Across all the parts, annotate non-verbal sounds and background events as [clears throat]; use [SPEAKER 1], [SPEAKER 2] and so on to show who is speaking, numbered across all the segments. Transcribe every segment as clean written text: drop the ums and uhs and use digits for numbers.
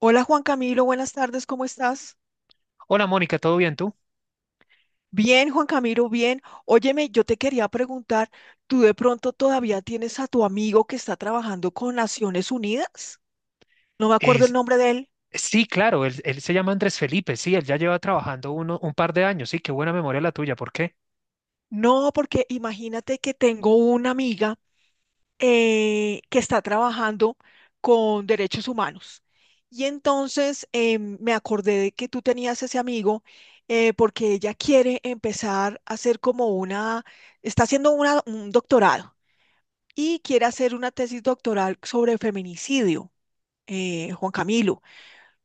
[SPEAKER 1] Hola Juan Camilo, buenas tardes, ¿cómo estás?
[SPEAKER 2] Hola Mónica, ¿todo bien tú?
[SPEAKER 1] Bien, Juan Camilo, bien. Óyeme, yo te quería preguntar, ¿tú de pronto todavía tienes a tu amigo que está trabajando con Naciones Unidas? No me acuerdo el
[SPEAKER 2] Es-
[SPEAKER 1] nombre de él.
[SPEAKER 2] sí, claro, él se llama Andrés Felipe, sí, él ya lleva trabajando un par de años, sí, qué buena memoria la tuya, ¿por qué?
[SPEAKER 1] No, porque imagínate que tengo una amiga que está trabajando con derechos humanos. Y entonces me acordé de que tú tenías ese amigo porque ella quiere empezar a hacer como una, está haciendo una, un doctorado y quiere hacer una tesis doctoral sobre feminicidio. Juan Camilo,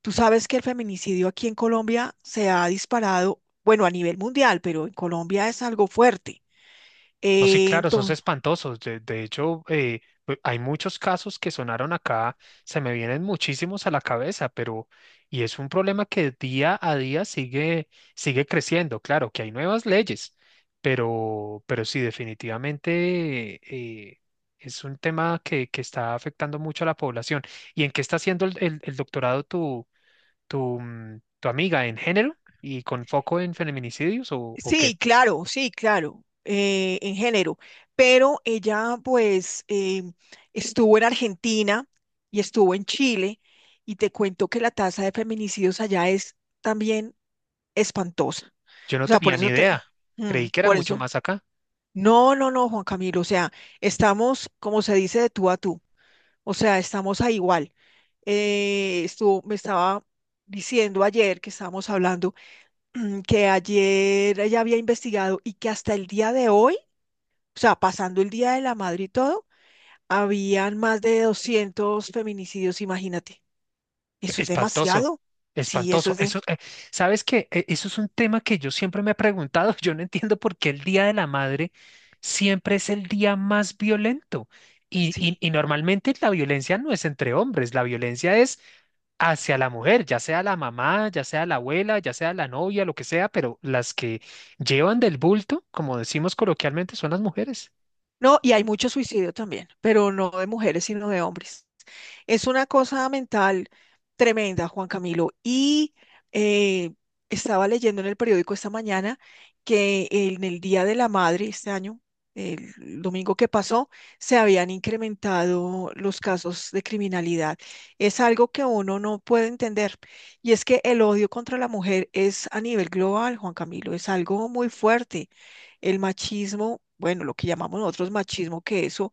[SPEAKER 1] tú sabes que el feminicidio aquí en Colombia se ha disparado, bueno, a nivel mundial, pero en Colombia es algo fuerte.
[SPEAKER 2] No, sí,
[SPEAKER 1] Eh,
[SPEAKER 2] claro, esos
[SPEAKER 1] entonces,
[SPEAKER 2] espantosos. De hecho, pues, hay muchos casos que sonaron acá, se me vienen muchísimos a la cabeza, pero y es un problema que día a día sigue creciendo. Claro, que hay nuevas leyes, pero sí, definitivamente eh, es un tema que está afectando mucho a la población. ¿Y en qué está haciendo el doctorado tu amiga? ¿En género y con foco en feminicidios o qué?
[SPEAKER 1] sí, claro, sí, claro, en género, pero ella pues estuvo en Argentina y estuvo en Chile y te cuento que la tasa de feminicidios allá es también espantosa.
[SPEAKER 2] Yo no
[SPEAKER 1] O sea,
[SPEAKER 2] tenía ni idea. Creí que era
[SPEAKER 1] por
[SPEAKER 2] mucho
[SPEAKER 1] eso.
[SPEAKER 2] más acá.
[SPEAKER 1] No, no, no, Juan Camilo, o sea, estamos, como se dice, de tú a tú, o sea, estamos a igual. Me estaba diciendo ayer que estábamos hablando [clears throat] que ayer ella había investigado y que hasta el día de hoy, o sea, pasando el Día de la Madre y todo, habían más de 200 feminicidios, imagínate. Eso es
[SPEAKER 2] Espantoso,
[SPEAKER 1] demasiado. Sí, eso
[SPEAKER 2] espantoso.
[SPEAKER 1] es de...
[SPEAKER 2] Eso, ¿sabes qué? Eso es un tema que yo siempre me he preguntado. [laughs] Yo no entiendo por qué el Día de la Madre siempre es el día más violento. Y, y,
[SPEAKER 1] Sí.
[SPEAKER 2] y normalmente la violencia no es entre hombres, la violencia es hacia la mujer, ya sea la mamá, ya sea la abuela, ya sea la novia, lo que sea, pero las que llevan del bulto, como decimos coloquialmente, son las mujeres.
[SPEAKER 1] No, y hay mucho suicidio también, pero no de mujeres, sino de hombres. Es una cosa mental tremenda, Juan Camilo. Eh, estaba leyendo en el periódico esta mañana que en el Día de la Madre, este año, el domingo que pasó, se habían incrementado los casos de criminalidad. Es algo que uno no puede entender. Y es que el odio contra la mujer es a nivel global, Juan Camilo, es algo muy fuerte. El machismo, bueno, lo que llamamos nosotros machismo, que eso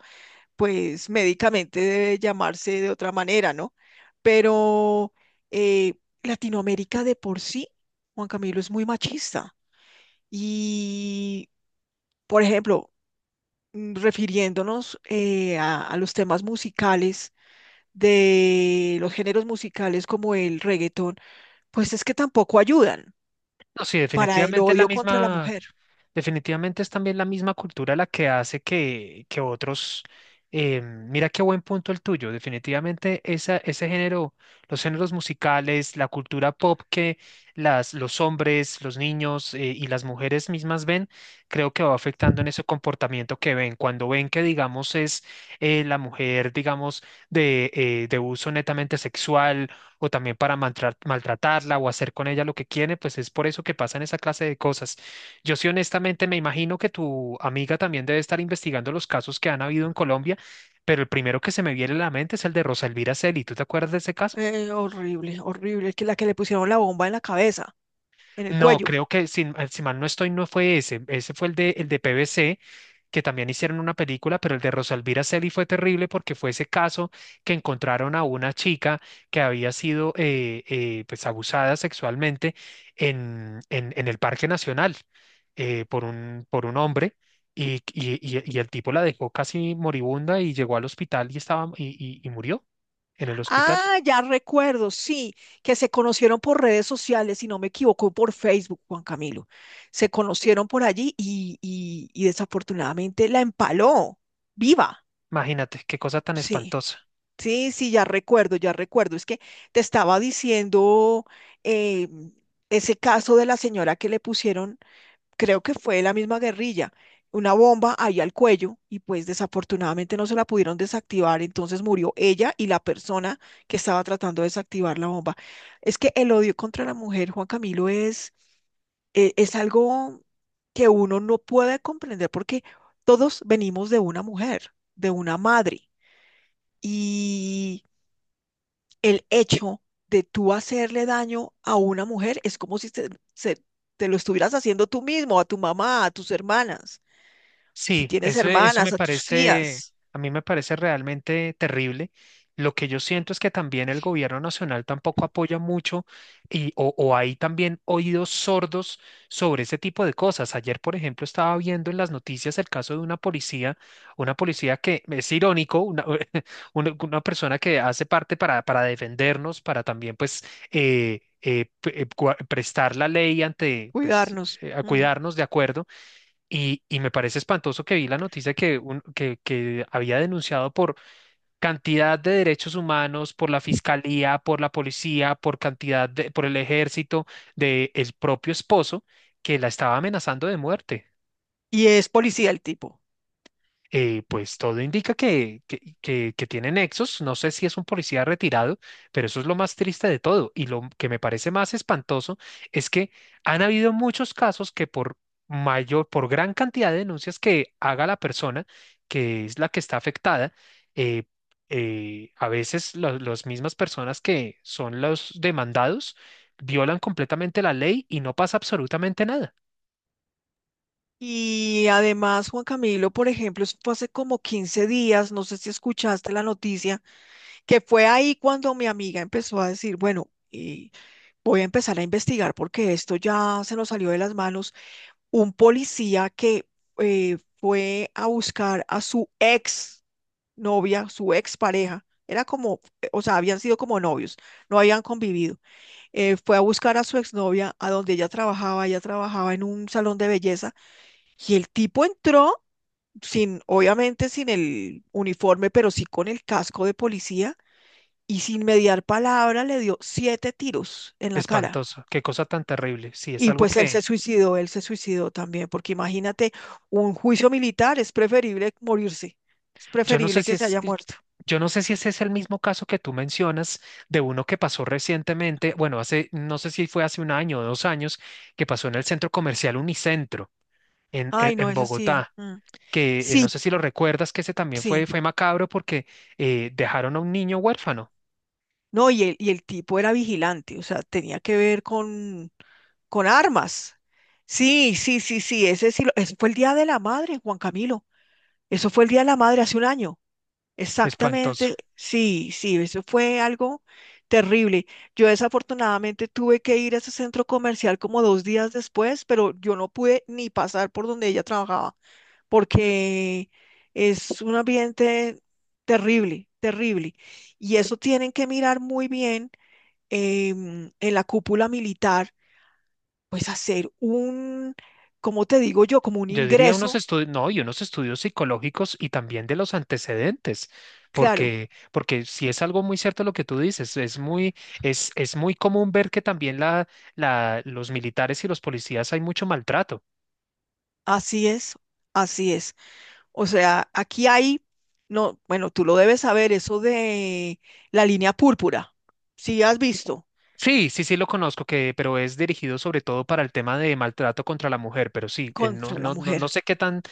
[SPEAKER 1] pues médicamente debe llamarse de otra manera, ¿no? Pero eh, Latinoamérica de por sí, Juan Camilo, es muy machista. Y, por ejemplo, refiriéndonos a los temas musicales de los géneros musicales como el reggaetón, pues es que tampoco ayudan,
[SPEAKER 2] No, sí,
[SPEAKER 1] para el
[SPEAKER 2] definitivamente es la
[SPEAKER 1] odio contra la
[SPEAKER 2] misma.
[SPEAKER 1] mujer.
[SPEAKER 2] Definitivamente es también la misma cultura la que hace que otros... mira qué buen punto el tuyo. Definitivamente ese género, los géneros musicales, la cultura pop que los hombres, los niños y las mujeres mismas ven, creo que va afectando en ese comportamiento que ven. Cuando ven que, digamos, es la mujer, digamos, de uso netamente sexual o también para maltratarla o hacer con ella lo que quiere, pues es por eso que pasan esa clase de cosas. Yo sí honestamente me imagino que tu amiga también debe estar investigando los casos que han habido en Colombia, pero el primero que se me viene a la mente es el de Rosa Elvira Celi. ¿Tú te acuerdas de ese caso?
[SPEAKER 1] Horrible, horrible, que la que le pusieron la bomba en la cabeza, en el
[SPEAKER 2] No,
[SPEAKER 1] cuello.
[SPEAKER 2] creo que si, si mal no estoy, no fue ese. Ese fue el de PVC, que también hicieron una película, pero el de Rosalvira Sely fue terrible porque fue ese caso que encontraron a una chica que había sido pues abusada sexualmente en el Parque Nacional por por un hombre. Y el tipo la dejó casi moribunda y llegó al hospital y estaba y murió en el hospital.
[SPEAKER 1] Ah, ya recuerdo, sí, que se conocieron por redes sociales, si no me equivoco, por Facebook, Juan Camilo. Se conocieron por allí y desafortunadamente la empaló, viva.
[SPEAKER 2] Imagínate, qué cosa tan
[SPEAKER 1] Sí,
[SPEAKER 2] espantosa.
[SPEAKER 1] sí, sí, ya recuerdo, ya recuerdo. Es que te estaba diciendo eh, ese caso de la señora que le pusieron, creo que fue la misma guerrilla, una bomba ahí al cuello y pues desafortunadamente no se la pudieron desactivar, entonces murió ella y la persona que estaba tratando de desactivar la bomba. Es que el odio contra la mujer, Juan Camilo, es algo que uno no puede comprender porque todos venimos de una mujer, de una madre y el hecho de tú hacerle daño a una mujer es como si se- te lo estuvieras haciendo tú mismo, a tu mamá, a tus hermanas si
[SPEAKER 2] Sí,
[SPEAKER 1] tienes
[SPEAKER 2] eso
[SPEAKER 1] hermanas,
[SPEAKER 2] me
[SPEAKER 1] a tus
[SPEAKER 2] parece,
[SPEAKER 1] tías.
[SPEAKER 2] a mí me parece realmente terrible. Lo que yo siento es que también el gobierno nacional tampoco apoya mucho y, o hay también oídos sordos sobre ese tipo de cosas. Ayer, por ejemplo, estaba viendo en las noticias el caso de una policía que es irónico, [laughs] una persona que hace parte para defendernos, para también pues prestar la ley ante, pues,
[SPEAKER 1] Cuidarnos.
[SPEAKER 2] a
[SPEAKER 1] Mm.
[SPEAKER 2] cuidarnos, de acuerdo y me parece espantoso que vi la noticia que había denunciado por cantidad de derechos humanos, por la fiscalía, por la policía, por cantidad de, por el ejército, de el propio esposo que la estaba amenazando de muerte.
[SPEAKER 1] Y es policía el tipo.
[SPEAKER 2] Pues todo indica que tiene nexos. No sé si es un policía retirado, pero eso es lo más triste de todo. Y lo que me parece más espantoso es que han habido muchos casos que por mayor, por gran cantidad de denuncias que haga la persona, que es la que está afectada, eh, a veces las mismas personas que son los demandados violan completamente la ley y no pasa absolutamente nada.
[SPEAKER 1] Y además, Juan Camilo, por ejemplo, eso fue hace como 15 días, no sé si escuchaste la noticia, que fue ahí cuando mi amiga empezó a decir, bueno, y voy a empezar a investigar porque esto ya se nos salió de las manos. Un policía que fue a buscar a su ex novia, su ex pareja. Era como, o sea, habían sido como novios, no habían convivido. Fue a buscar a su exnovia a donde ella trabajaba en un salón de belleza y el tipo entró sin, obviamente sin el uniforme, pero sí con el casco de policía y sin mediar palabra le dio 7 tiros en la cara.
[SPEAKER 2] Espantoso, qué cosa tan terrible. Sí, es
[SPEAKER 1] Y
[SPEAKER 2] algo
[SPEAKER 1] pues
[SPEAKER 2] que,
[SPEAKER 1] él se suicidó también, porque imagínate, un juicio militar es preferible morirse, es
[SPEAKER 2] yo no sé
[SPEAKER 1] preferible
[SPEAKER 2] si
[SPEAKER 1] que se
[SPEAKER 2] es,
[SPEAKER 1] haya muerto.
[SPEAKER 2] yo no sé si ese es el mismo caso que tú mencionas de uno que pasó recientemente, bueno, hace, no sé si fue hace un año o dos años, que pasó en el centro comercial Unicentro
[SPEAKER 1] Ay, no,
[SPEAKER 2] en
[SPEAKER 1] eso sí.
[SPEAKER 2] Bogotá,
[SPEAKER 1] Mm.
[SPEAKER 2] que
[SPEAKER 1] Sí,
[SPEAKER 2] no sé si lo recuerdas, que ese también
[SPEAKER 1] sí.
[SPEAKER 2] fue, fue macabro porque dejaron a un niño huérfano.
[SPEAKER 1] No, y el tipo era vigilante, o sea, tenía que ver con armas. Sí, sí, sí, sí, ese sí, ese fue el Día de la Madre, Juan Camilo. Eso fue el Día de la Madre hace un año.
[SPEAKER 2] Espantoso.
[SPEAKER 1] Exactamente, sí, sí, eso fue algo terrible. Yo desafortunadamente tuve que ir a ese centro comercial como 2 días después, pero yo no pude ni pasar por donde ella trabajaba, porque es un ambiente terrible, terrible. Y eso tienen que mirar muy bien en la cúpula militar, pues hacer un, como te digo yo? Como un
[SPEAKER 2] Yo diría unos
[SPEAKER 1] ingreso,
[SPEAKER 2] estudios, no, y unos estudios psicológicos y también de los antecedentes,
[SPEAKER 1] claro,
[SPEAKER 2] porque si es algo muy cierto lo que tú dices, es muy, es muy común ver que también los militares y los policías hay mucho maltrato.
[SPEAKER 1] así es, así es. O sea, aquí hay, no, bueno, tú lo debes saber, eso de la línea púrpura, si has visto
[SPEAKER 2] Sí, sí, sí lo conozco, que, pero es dirigido sobre todo para el tema de maltrato contra la mujer, pero sí, no,
[SPEAKER 1] contra la
[SPEAKER 2] no, no, no
[SPEAKER 1] mujer,
[SPEAKER 2] sé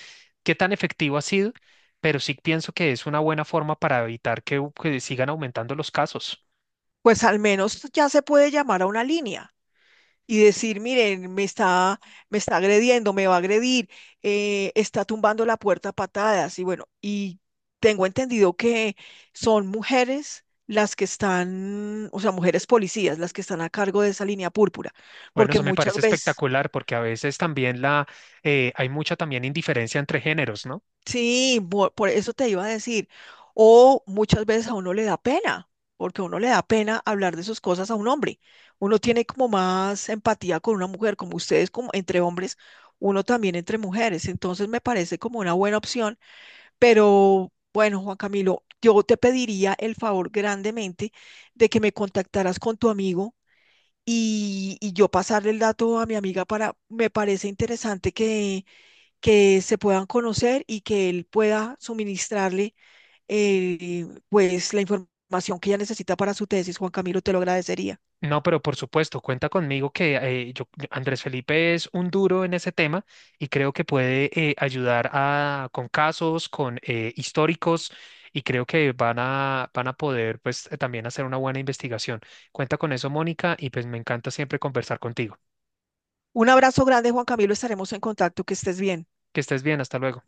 [SPEAKER 2] qué tan efectivo ha sido, pero sí pienso que es una buena forma para evitar que sigan aumentando los casos.
[SPEAKER 1] pues al menos ya se puede llamar a una línea y decir, miren, me está agrediendo, me va a agredir, está tumbando la puerta a patadas y bueno, y tengo entendido que son mujeres las que están, o sea, mujeres policías, las que están a cargo de esa línea púrpura,
[SPEAKER 2] Bueno,
[SPEAKER 1] porque
[SPEAKER 2] eso me
[SPEAKER 1] muchas
[SPEAKER 2] parece
[SPEAKER 1] veces...
[SPEAKER 2] espectacular porque a veces también la, hay mucha también indiferencia entre géneros, ¿no?
[SPEAKER 1] Sí, eso te iba a decir. O muchas veces a uno le da pena, porque a uno le da pena hablar de sus cosas a un hombre. Uno tiene como más empatía con una mujer, como ustedes, como entre hombres, uno también entre mujeres. Entonces me parece como una buena opción. Pero bueno, Juan Camilo, yo te pediría el favor grandemente de que me contactaras con tu amigo y yo pasarle el dato a mi amiga, para, me parece interesante que se puedan conocer y que él pueda suministrarle pues la información que ella necesita para su tesis. Juan Camilo, te lo agradecería.
[SPEAKER 2] No, pero por supuesto, cuenta conmigo que Andrés Felipe es un duro en ese tema y creo que puede ayudar a, con casos, con históricos y creo que van a poder pues también hacer una buena investigación. Cuenta con eso, Mónica, y pues me encanta siempre conversar contigo.
[SPEAKER 1] Un abrazo grande, Juan Camilo, estaremos en contacto, que estés bien.
[SPEAKER 2] Que estés bien, hasta luego.